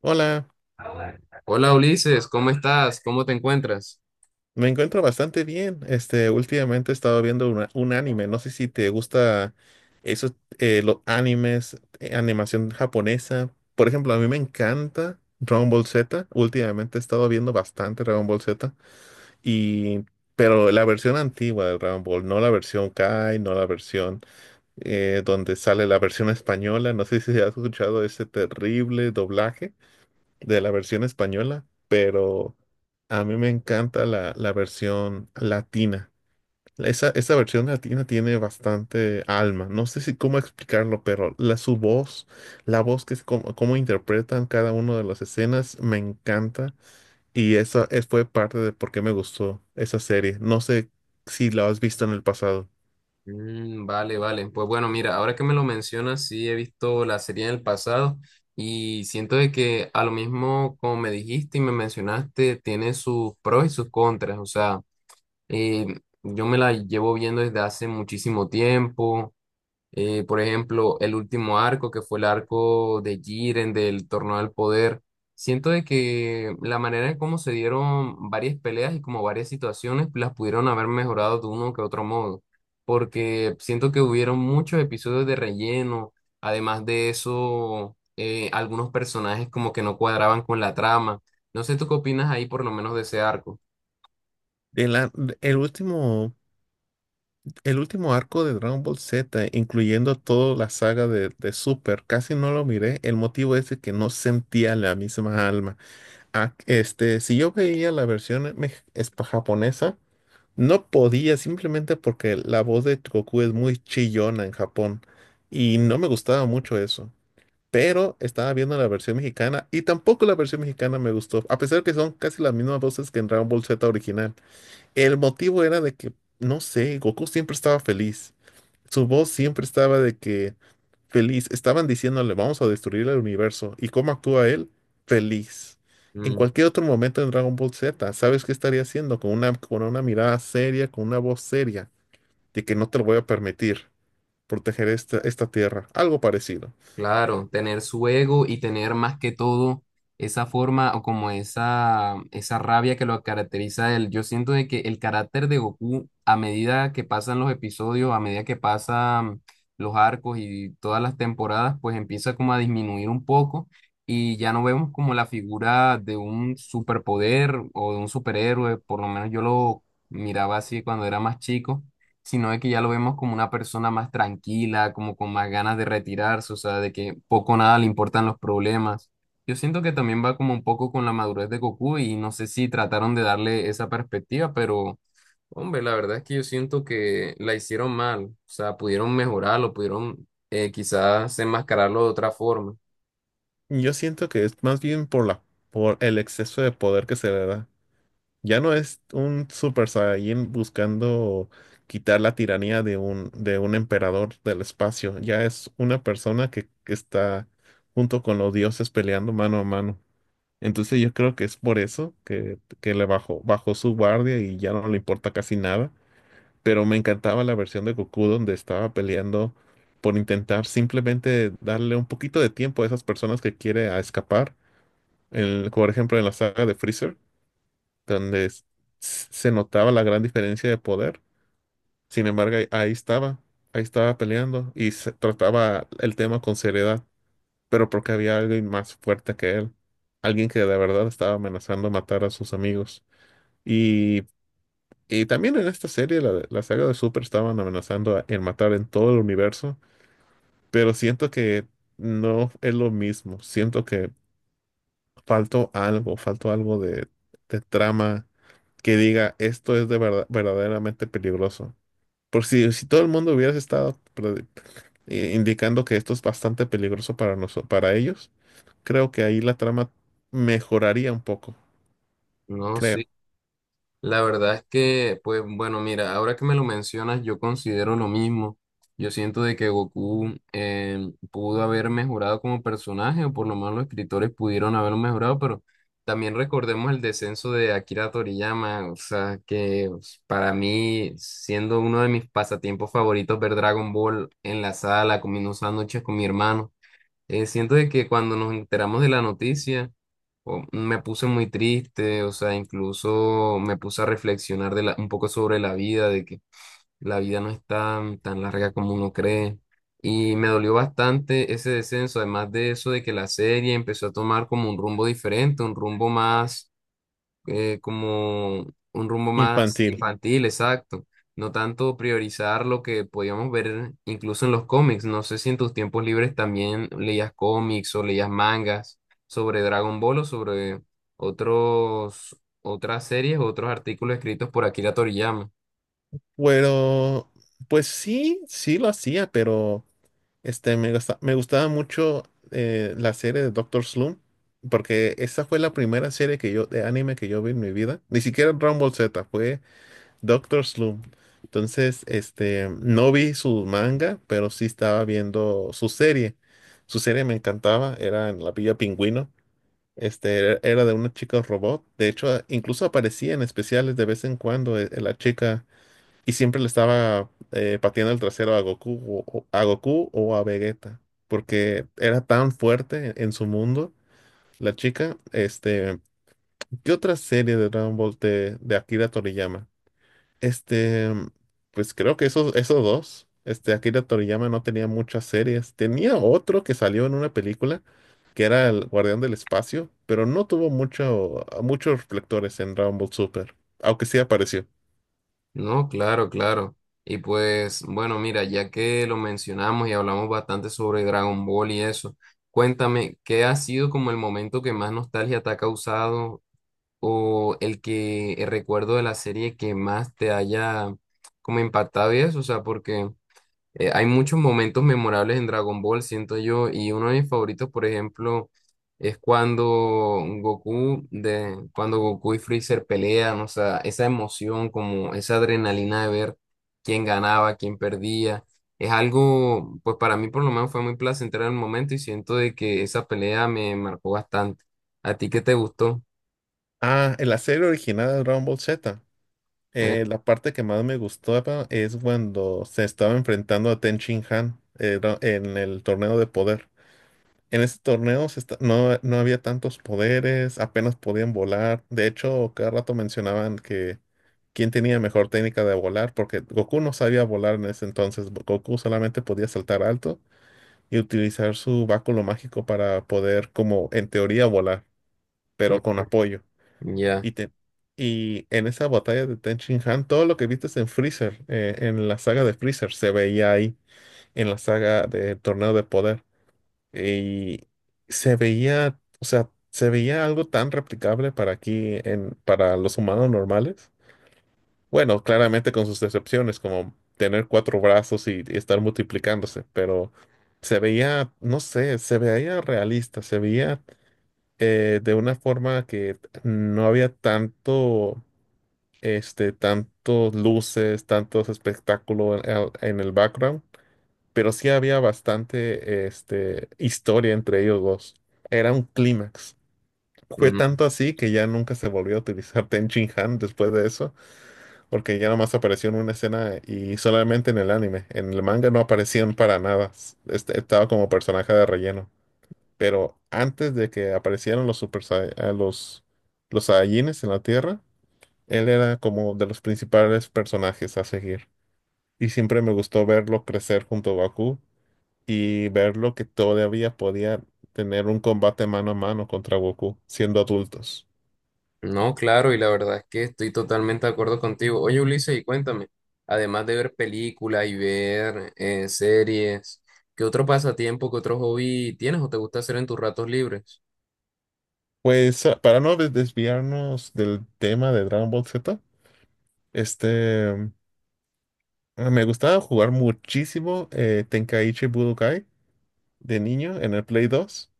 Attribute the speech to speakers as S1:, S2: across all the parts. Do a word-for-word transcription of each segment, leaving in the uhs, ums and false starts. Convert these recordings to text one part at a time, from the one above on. S1: Hola,
S2: Hola Ulises, ¿cómo estás? ¿Cómo te encuentras?
S1: me encuentro bastante bien. Este, últimamente he estado viendo una- un anime. No sé si te gusta esos eh, los animes, eh, animación japonesa. Por ejemplo, a mí me encanta Dragon Ball Z. Últimamente he estado viendo bastante Dragon Ball Z y pero la versión antigua de Dragon Ball, no la versión Kai, no la versión eh, donde sale la versión española. No sé si has escuchado ese terrible doblaje de la versión española, pero a mí me encanta la, la versión latina. Esa, esa versión latina tiene bastante alma. No sé si cómo explicarlo, pero la, su voz, la voz que es como, cómo interpretan cada una de las escenas, me encanta. Y eso es- fue parte de por qué me gustó esa serie. No sé si la has visto en el pasado.
S2: Mm, vale, vale. Pues bueno, mira, ahora que me lo mencionas, sí he visto la serie en el pasado y siento de que a lo mismo como me dijiste y me mencionaste, tiene sus pros y sus contras. O sea, eh, yo me la llevo viendo desde hace muchísimo tiempo. Eh, por ejemplo, el último arco, que fue el arco de Jiren del Torneo del Poder. Siento de que la manera en cómo se dieron varias peleas y como varias situaciones las pudieron haber mejorado de uno que otro modo, porque siento que hubieron muchos episodios de relleno, además de eso, eh, algunos personajes como que no cuadraban con la trama. No sé, ¿tú qué opinas ahí por lo menos de ese arco?
S1: El, a- el último El último arco de Dragon Ball Z, incluyendo toda la saga de, de Super, casi no lo miré. El motivo es de que no sentía la misma alma. Ah, este, si yo veía la versión mex- es- japonesa, no podía simplemente porque la voz de Goku es muy chillona en Japón y no me gustaba mucho eso. Pero estaba viendo la versión mexicana y tampoco la versión mexicana me gustó, a pesar que son casi las mismas voces que en Dragon Ball Z original. El motivo era de que, no sé, Goku siempre estaba feliz. Su voz siempre estaba de que feliz. Estaban diciéndole, vamos a destruir el universo. ¿Y cómo actúa él? Feliz. En cualquier otro momento en Dragon Ball Z, ¿sabes qué estaría haciendo? Con una, con una mirada seria, con una voz seria, de que no te lo voy a permitir proteger esta, esta tierra. Algo parecido.
S2: Claro, tener su ego y tener más que todo esa forma o como esa, esa rabia que lo caracteriza a él. Yo siento de que el carácter de Goku, a medida que pasan los episodios, a medida que pasan los arcos y todas las temporadas, pues empieza como a disminuir un poco y ya no vemos como la figura de un superpoder o de un superhéroe, por lo menos yo lo miraba así cuando era más chico, sino de que ya lo vemos como una persona más tranquila, como con más ganas de retirarse, o sea, de que poco o nada le importan los problemas. Yo siento que también va como un poco con la madurez de Goku y no sé si trataron de darle esa perspectiva, pero hombre, la verdad es que yo siento que la hicieron mal, o sea, pudieron mejorarlo, pudieron eh, quizás enmascararlo de otra forma.
S1: Yo siento que es más bien por la, por el exceso de poder que se le da. Ya no es un Super Saiyan buscando quitar la tiranía de un, de un emperador del espacio. Ya es una persona que, que está junto con los dioses peleando mano a mano. Entonces yo creo que es por eso que, que le bajó, bajó su guardia y ya no le importa casi nada. Pero me encantaba la versión de Goku donde estaba peleando por intentar simplemente darle un poquito de tiempo a esas personas que quiere a escapar. El- por ejemplo, en la saga de Freezer donde s- se notaba la gran diferencia de poder. Sin embargo, ahí ahí estaba, ahí estaba peleando y se trataba el tema con seriedad, pero porque había alguien más fuerte que él, alguien que de verdad estaba amenazando matar a sus amigos. Y, y también en esta serie, la, la saga de Super, estaban amenazando a- en matar en todo el universo, pero siento que no es lo mismo, siento que faltó algo, faltó algo de, de trama que diga esto es de verdad, verdaderamente peligroso. Por si, si todo el mundo hubiera estado pre- eh, indicando que esto es bastante peligroso para nosotros, para ellos, creo que ahí la trama mejoraría un poco,
S2: No
S1: creo.
S2: sé, la verdad es que, pues bueno, mira, ahora que me lo mencionas, yo considero lo mismo. Yo siento de que Goku eh, pudo haber mejorado como personaje, o por lo menos los escritores pudieron haberlo mejorado, pero también recordemos el descenso de Akira Toriyama, o sea, que pues, para mí, siendo uno de mis pasatiempos favoritos, ver Dragon Ball en la sala, comiendo sándwiches con mi hermano, eh, siento de que cuando nos enteramos de la noticia, o- me puse muy triste, o sea, incluso me puse a reflexionar de la- un poco sobre la vida, de que la vida no es tan, tan larga como uno cree. Y me dolió bastante ese descenso, además de eso, de que la serie empezó a tomar como un rumbo diferente, un rumbo más eh, como un rumbo más
S1: Infantil.
S2: infantil, exacto. No tanto priorizar lo que podíamos ver incluso en los cómics. No sé si en tus tiempos libres también leías cómics o leías mangas sobre Dragon Ball o sobre otros, otras series o otros artículos escritos por Akira Toriyama.
S1: Bueno, pues sí, sí lo hacía, pero este, me gusta- me gustaba mucho eh, la serie de Doctor Slump, porque esa fue la primera serie que yo, de anime que yo vi en mi vida. Ni siquiera Dragon Ball Z, fue Doctor Slump. Entonces, este, no vi su manga, pero sí estaba viendo su serie. Su serie me encantaba, era en la Villa Pingüino. Este, era era de una chica robot. De hecho, a- incluso aparecía en especiales de vez en cuando eh, la chica y siempre le estaba eh, pateando el trasero a Goku o, o- a Goku o a Vegeta, porque era tan fuerte en su mundo. La chica, este, ¿qué otra serie de Dragon Ball de, de Akira Toriyama? Este, pues creo que esos, esos dos. Este, Akira Toriyama no tenía muchas series. Tenía otro que salió en una película, que era El Guardián del Espacio, pero no tuvo mucho, muchos reflectores en Dragon Ball Super, aunque sí apareció.
S2: No, claro, claro. Y pues, bueno, mira, ya que lo mencionamos y hablamos bastante sobre Dragon Ball y eso. Cuéntame, ¿qué ha sido como el momento que más nostalgia te ha causado o el que el recuerdo de la serie que más te haya como impactado y eso, o sea, porque eh, hay muchos momentos memorables en Dragon Ball, siento yo, y uno de mis favoritos, por ejemplo, es cuando Goku de cuando Goku y Freezer pelean, o sea, esa emoción, como esa adrenalina de ver quién ganaba, quién perdía. Es algo, pues para mí por lo menos fue muy placentero en el momento y siento de que esa pelea me marcó bastante. ¿A ti qué te gustó?
S1: Ah, en la serie original de Dragon Ball Z, eh, la parte que más me gustaba es cuando se estaba enfrentando a Ten Shin Han eh, dra- en el torneo de poder. En ese torneo se esta- no, no había tantos poderes, apenas podían volar. De hecho, cada rato mencionaban que quién tenía mejor técnica de volar, porque Goku no sabía volar en ese entonces. Goku solamente podía saltar alto y utilizar su báculo mágico para poder, como en teoría, volar,
S2: Eh,
S1: pero con apoyo.
S2: Ya,
S1: Y, te- y en esa batalla de Ten Shin Han, todo lo que viste en Freezer, eh, en la saga de Freezer, se veía ahí en la saga del torneo de poder. Y se veía, o sea, se veía algo tan replicable para aquí, en, para los humanos normales. Bueno, claramente con sus excepciones, como tener cuatro brazos y, y estar multiplicándose, pero se veía, no sé, se veía realista, se veía eh, de una forma que no había tanto, este, tantos luces, tantos espectáculos en, el en el background, pero sí había bastante este, historia entre ellos dos. Era un clímax. Fue
S2: Mm,
S1: tanto así que ya nunca se volvió a utilizar Ten Shin Han después de eso, porque ya nomás apareció en una escena y solamente en el anime. En el manga no aparecían para nada. Este, estaba como personaje de relleno. Pero antes de que aparecieran los Super Sai- eh, los, los Saiyajines en la Tierra, él era como de los principales personajes a seguir. Y siempre me gustó verlo crecer junto a Goku y verlo que todavía podía tener un combate mano a mano contra Goku siendo adultos.
S2: no, claro, y la verdad es que estoy totalmente de acuerdo contigo. Oye, Ulises, y cuéntame, además de ver películas y ver eh, series, ¿qué otro pasatiempo, qué otro hobby tienes o te gusta hacer en tus ratos libres?
S1: Pues ah, para no des- desviarnos del tema de Dragon Ball Z, este, mm, ah, me gustaba jugar muchísimo eh, Tenkaichi Budokai de niño en el Play dos.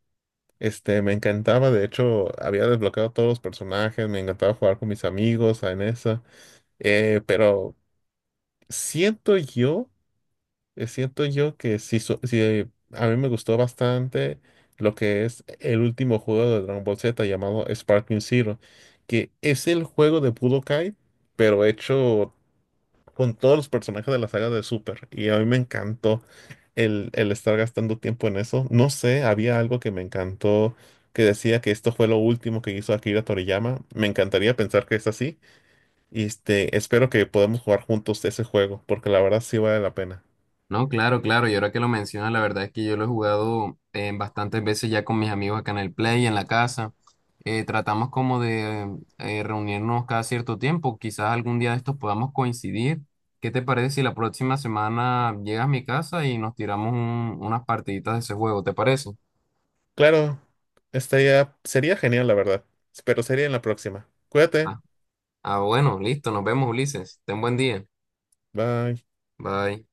S1: Este, me encantaba, de hecho, había desbloqueado todos los personajes, me encantaba jugar con mis amigos en esa, eh, pero siento yo eh, siento yo que sí, so- sí, eh, a mí me gustó bastante lo que es el último juego de Dragon Ball Z llamado Sparking Zero, que es el juego de Budokai, pero hecho con todos los personajes de la saga de Super. Y a mí me encantó el, el estar gastando tiempo en eso. No sé, había algo que me encantó que decía que esto fue lo último que hizo Akira Toriyama. Me encantaría pensar que es así. Y este, espero que podamos jugar juntos ese juego, porque la verdad sí vale la pena.
S2: No, claro, claro. Y ahora que lo mencionas, la verdad es que yo lo he jugado eh, bastantes veces ya con mis amigos acá en el Play, en la casa. Eh, tratamos como de eh, reunirnos cada cierto tiempo. Quizás algún día de estos podamos coincidir. ¿Qué te parece si la próxima semana llegas a mi casa y nos tiramos un- unas partiditas de ese juego? ¿Te parece?
S1: Claro, estaría, sería genial, la verdad. Pero sería en la próxima. Cuídate.
S2: Ah, ah, bueno, listo. Nos vemos, Ulises. Ten buen día.
S1: Bye.
S2: Bye.